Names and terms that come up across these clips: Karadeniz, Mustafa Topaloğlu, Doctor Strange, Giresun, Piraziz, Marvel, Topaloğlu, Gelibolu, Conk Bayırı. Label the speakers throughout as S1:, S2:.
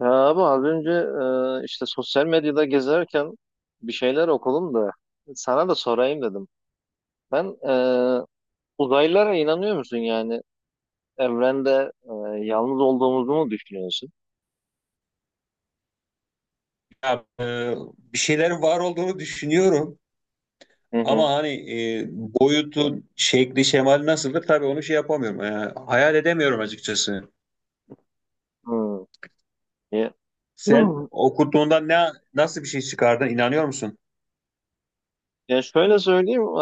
S1: Ya abi az önce işte sosyal medyada gezerken bir şeyler okudum da sana da sorayım dedim. Ben e, Uzaylılara inanıyor musun yani? Evrende yalnız olduğumuzu mu düşünüyorsun?
S2: Ya, e, Bir şeyler var olduğunu düşünüyorum
S1: Hı hı.
S2: ama hani boyutu, şekli, şemali nasıldır tabii onu şey yapamıyorum. Yani hayal edemiyorum açıkçası.
S1: Hmm. Ya,
S2: Sen
S1: Hmm.
S2: okuduğunda nasıl bir şey çıkardın, inanıyor musun?
S1: Ya şöyle söyleyeyim,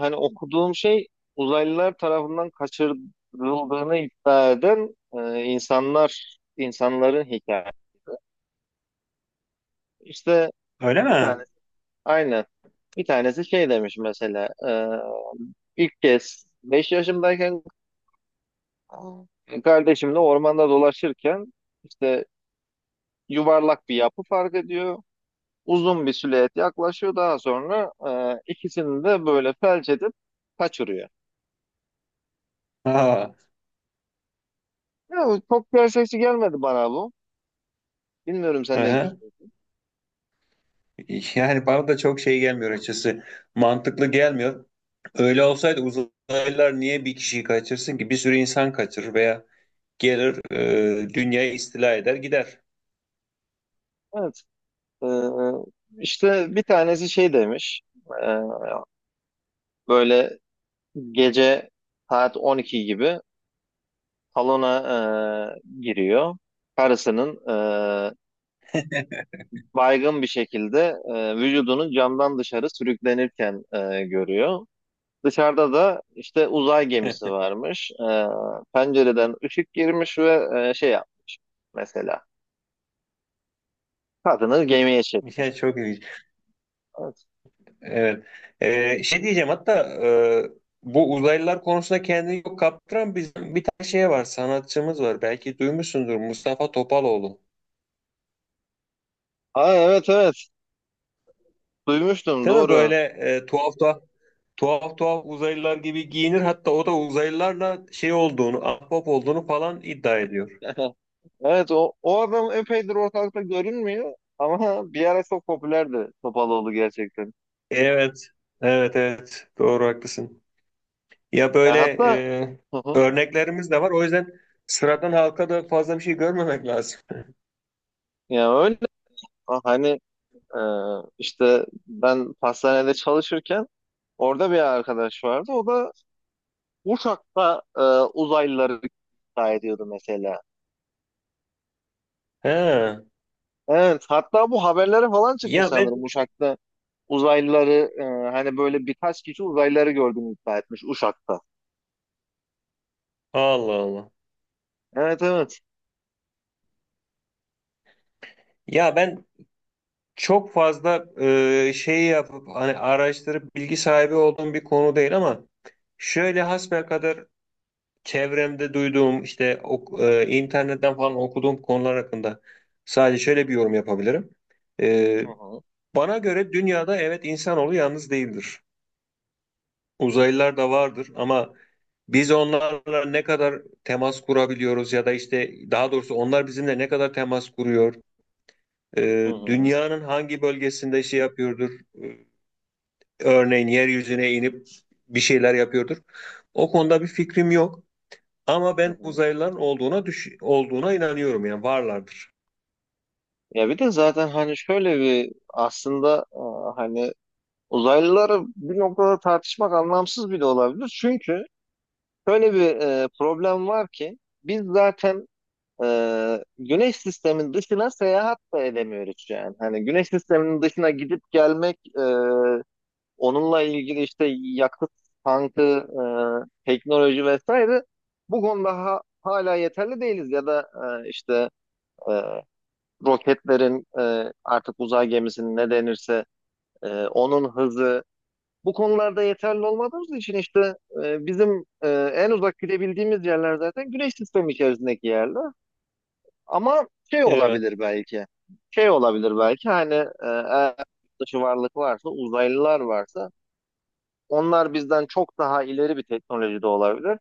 S1: hani okuduğum şey uzaylılar tarafından kaçırıldığını iddia eden insanların hikayesi. İşte
S2: Öyle
S1: bir
S2: mi?
S1: tanesi, aynen, bir tanesi şey demiş mesela. İlk kez 5 yaşımdayken kardeşimle ormanda dolaşırken işte yuvarlak bir yapı fark ediyor. Uzun bir silüet yaklaşıyor. Daha sonra ikisini de böyle felç edip kaçırıyor.
S2: Ha,
S1: Ya, çok gerçekçi gelmedi bana bu. Bilmiyorum
S2: hı
S1: sen ne
S2: hı.
S1: düşünüyorsun.
S2: Yani bana da çok şey gelmiyor açıkçası. Mantıklı gelmiyor. Öyle olsaydı uzaylılar niye bir kişiyi kaçırsın ki? Bir sürü insan kaçırır veya gelir, dünyayı istila eder gider.
S1: Evet. e, işte bir tanesi şey demiş. e, Böyle gece saat 12 gibi salona giriyor. Karısının e, baygın bir şekilde vücudunu camdan dışarı sürüklenirken görüyor. Dışarıda da işte uzay gemisi varmış. Pencereden ışık girmiş ve şey yapmış mesela. Kadını gemiye çekmiş.
S2: Yani çok ilginç.
S1: Evet.
S2: Evet. Şey diyeceğim hatta, e, bu uzaylılar konusunda kendini yok kaptıran bizim bir tane şey var, sanatçımız var, belki duymuşsundur, Mustafa Topaloğlu.
S1: Aa, evet, evet. Duymuştum,
S2: Değil mi,
S1: doğru.
S2: böyle tuhaf tuhaf tuhaf tuhaf uzaylılar gibi giyinir, hatta o da uzaylılarla şey olduğunu, ahbap olduğunu falan iddia ediyor.
S1: Evet, o adam epeydir ortalıkta görünmüyor ama bir ara çok popülerdi Topaloğlu gerçekten.
S2: Evet evet doğru, haklısın. Ya
S1: Ya
S2: böyle
S1: hatta,
S2: e,
S1: hı hı.
S2: örneklerimiz de var, o yüzden sıradan halka da fazla bir şey görmemek lazım.
S1: Ya öyle hani, e, işte ben pastanede çalışırken orada bir arkadaş vardı. O da uçakta uzaylıları iddia ediyordu mesela.
S2: He.
S1: Evet. Hatta bu haberlere falan çıkmış
S2: Ya ben
S1: sanırım uçakta. Uzaylıları, e, hani böyle birkaç kişi uzaylıları gördüğünü iddia etmiş Uşak'ta.
S2: Allah Allah.
S1: Evet, evet.
S2: Ya ben çok fazla şeyi yapıp hani araştırıp bilgi sahibi olduğum bir konu değil ama şöyle hasbelkader çevremde duyduğum, işte internetten falan okuduğum konular hakkında sadece şöyle bir yorum yapabilirim. E,
S1: Hı hı,
S2: Bana göre dünyada evet, insanoğlu yalnız değildir. Uzaylılar da vardır ama biz onlarla ne kadar temas kurabiliyoruz ya da işte daha doğrusu onlar bizimle ne kadar temas kuruyor?
S1: hı hı,
S2: Dünyanın hangi bölgesinde şey yapıyordur? Ee, Örneğin yeryüzüne inip bir şeyler yapıyordur. O konuda bir fikrim yok. Ama
S1: hı
S2: ben
S1: hı.
S2: uzaylıların olduğuna inanıyorum, yani varlardır.
S1: Ya bir de zaten hani şöyle bir aslında, hani uzaylıları bir noktada tartışmak anlamsız bile olabilir. Çünkü şöyle bir problem var ki biz zaten güneş sistemin dışına seyahat da edemiyoruz yani. Hani güneş sisteminin dışına gidip gelmek, onunla ilgili işte yakıt tankı, teknoloji vesaire bu konuda hala yeterli değiliz. Ya da işte e, roketlerin, artık uzay gemisinin ne denirse, onun hızı bu konularda yeterli olmadığımız için işte bizim en uzak gidebildiğimiz yerler zaten güneş sistemi içerisindeki yerler. Ama şey
S2: Evet.
S1: olabilir belki. Şey olabilir belki hani, eğer yurt dışı varlık varsa, uzaylılar varsa onlar bizden çok daha ileri bir teknolojide olabilir.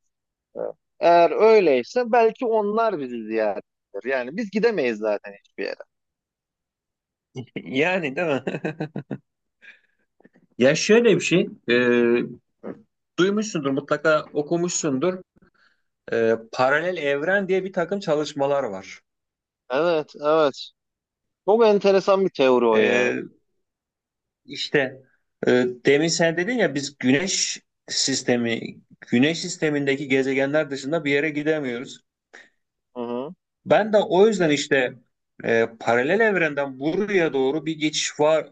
S1: E, Eğer öyleyse belki onlar bizi ziyaret eder. Yani biz gidemeyiz zaten hiçbir yere.
S2: Yani değil mi? Ya şöyle bir şey, duymuşsundur mutlaka, okumuşsundur. Paralel evren diye bir takım çalışmalar var.
S1: Evet, evet. Çok enteresan bir teori o ya.
S2: E, İşte, e, demin sen dedin ya, biz sistemi, güneş sistemindeki gezegenler dışında bir yere gidemiyoruz.
S1: Hı hı.
S2: Ben de o yüzden işte paralel evrenden buraya doğru bir geçiş var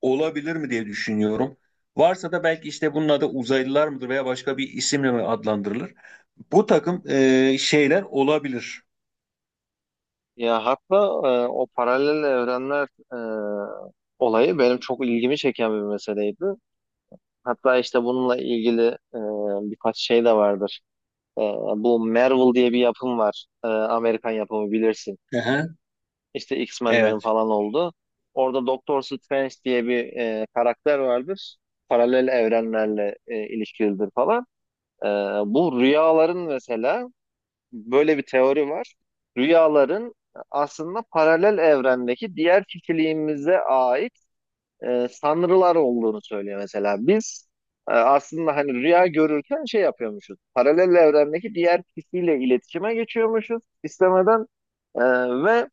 S2: olabilir mi diye düşünüyorum. Varsa da belki işte bunun adı uzaylılar mıdır veya başka bir isimle mi adlandırılır? Bu takım şeyler olabilir.
S1: Ya hatta, o paralel evrenler olayı benim çok ilgimi çeken bir meseleydi. Hatta işte bununla ilgili e, birkaç şey de vardır. Ee, Bu Marvel diye bir yapım var. Amerikan yapımı, bilirsin.
S2: Hı hı,
S1: İşte X-Men'lerin
S2: evet.
S1: falan oldu. Orada Doctor Strange diye bir karakter vardır. Paralel evrenlerle ilişkilidir falan. Ee, Bu rüyaların mesela, böyle bir teori var. Rüyaların aslında paralel evrendeki diğer kişiliğimize ait sanrılar olduğunu söylüyor mesela. Biz aslında hani rüya görürken şey yapıyormuşuz. Paralel evrendeki diğer kişiyle iletişime geçiyormuşuz istemeden e, ve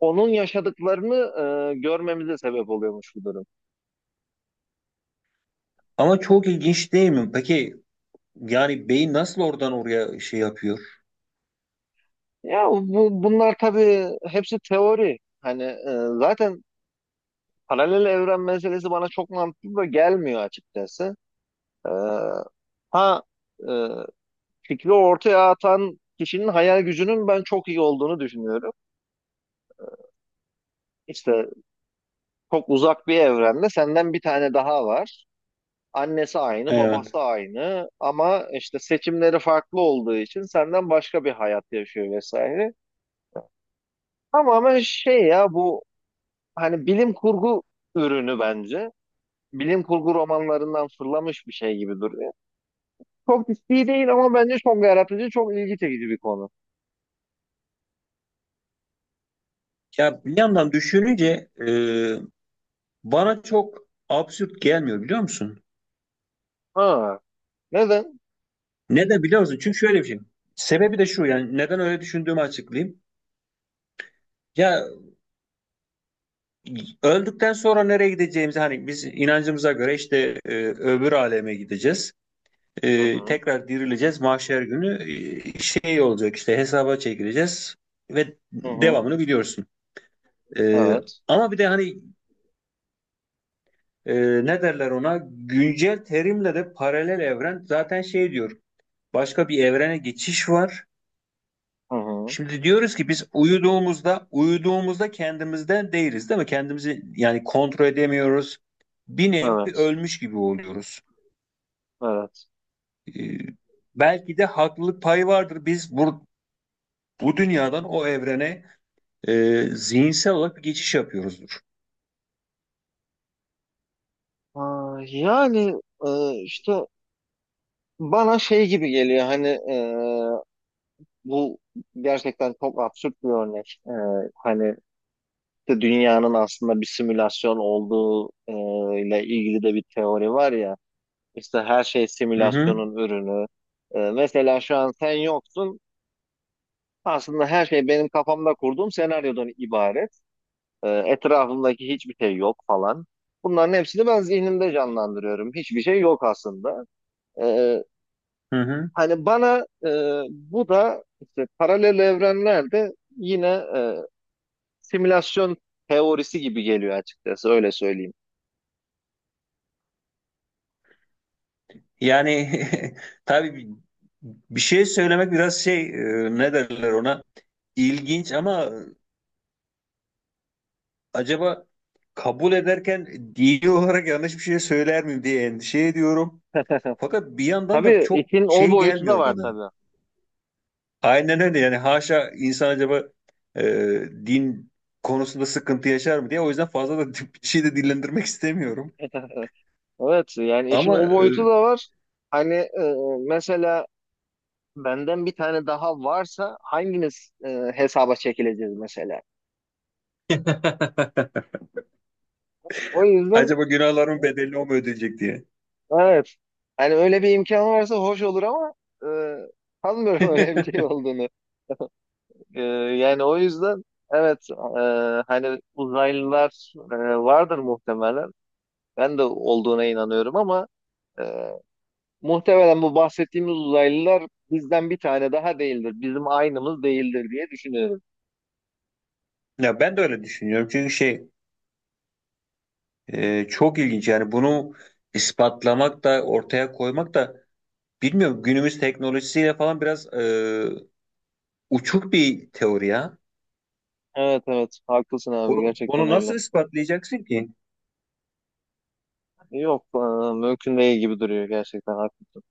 S1: onun yaşadıklarını görmemize sebep oluyormuş bu durum.
S2: Ama çok ilginç değil mi? Peki yani beyin nasıl oradan oraya şey yapıyor?
S1: Ya bunlar tabii hepsi teori. Hani zaten paralel evren meselesi bana çok mantıklı da gelmiyor açıkçası. E, ha e, Fikri ortaya atan kişinin hayal gücünün ben çok iyi olduğunu düşünüyorum. İşte çok uzak bir evrende senden bir tane daha var. Annesi aynı,
S2: Evet.
S1: babası aynı ama işte seçimleri farklı olduğu için senden başka bir hayat yaşıyor vesaire. Tamamen şey ya bu, hani bilim kurgu ürünü bence. Bilim kurgu romanlarından fırlamış bir şey gibi duruyor. Çok ciddi değil ama bence çok yaratıcı, çok ilgi çekici bir konu.
S2: Ya bir yandan düşününce bana çok absürt gelmiyor, biliyor musun?
S1: Ha, neden?
S2: Neden biliyor musun? Çünkü şöyle bir şey. Sebebi de şu, yani neden öyle düşündüğümü açıklayayım. Ya, öldükten sonra nereye gideceğimizi hani biz inancımıza göre, işte öbür aleme gideceğiz.
S1: Hı
S2: E,
S1: hı,
S2: tekrar dirileceğiz mahşer günü, şey olacak, işte hesaba çekileceğiz ve
S1: hı hı,
S2: devamını biliyorsun. E,
S1: evet,
S2: Ama bir de hani e, ne derler ona, güncel terimle de paralel evren, zaten şey diyor: başka bir evrene geçiş var.
S1: hı hı,
S2: Şimdi diyoruz ki biz uyuduğumuzda kendimizden değiliz değil mi? Kendimizi yani kontrol edemiyoruz. Bir nevi
S1: evet,
S2: ölmüş gibi oluyoruz.
S1: evet.
S2: Ee, Belki de haklılık payı vardır. Biz bu dünyadan o evrene zihinsel olarak bir geçiş yapıyoruzdur.
S1: Ha, yani, işte bana şey gibi geliyor hani, bu gerçekten çok absürt bir örnek. Hani işte dünyanın aslında bir simülasyon olduğu ile ilgili de bir teori var ya. İşte her şey
S2: Hı hı,
S1: simülasyonun ürünü. Mesela şu an sen yoksun. Aslında her şey benim kafamda kurduğum senaryodan ibaret. Etrafımdaki hiçbir şey yok falan. Bunların hepsini ben zihnimde canlandırıyorum. Hiçbir şey yok aslında. E,
S2: hı hı.
S1: Hani bana, bu da işte paralel evrenlerde yine e, simülasyon teorisi gibi geliyor açıkçası, öyle söyleyeyim.
S2: Yani tabii, bir şey söylemek biraz şey, ne derler ona, ilginç ama acaba kabul ederken dini olarak yanlış bir şey söyler miyim diye endişe ediyorum. Fakat bir yandan da
S1: Tabii
S2: çok
S1: işin o
S2: şey
S1: boyutu da
S2: gelmiyor
S1: var
S2: bana.
S1: tabii.
S2: Aynen öyle, yani haşa, insan acaba e, din konusunda sıkıntı yaşar mı diye, o yüzden fazla da bir şey de dillendirmek istemiyorum.
S1: Evet yani işin
S2: Ama
S1: o boyutu da var. Hani mesela benden bir tane daha varsa hangimiz hesaba çekileceğiz mesela.
S2: e,
S1: O yüzden,
S2: acaba günahların bedeli o mu ödeyecek diye.
S1: evet. Hani öyle bir imkan varsa hoş olur ama e, sanmıyorum öyle bir şey olduğunu. Yani o yüzden evet, hani uzaylılar vardır muhtemelen. Ben de olduğuna inanıyorum ama e, muhtemelen bu bahsettiğimiz uzaylılar bizden bir tane daha değildir. Bizim aynımız değildir diye düşünüyorum.
S2: Ya ben de öyle düşünüyorum, çünkü şey, çok ilginç yani, bunu ispatlamak da ortaya koymak da, bilmiyorum, günümüz teknolojisiyle falan biraz uçuk bir teori ya.
S1: Evet, evet, haklısın abi, gerçekten
S2: Bunu
S1: öyle.
S2: nasıl ispatlayacaksın ki?
S1: Yok mümkün değil gibi duruyor, gerçekten haklısın.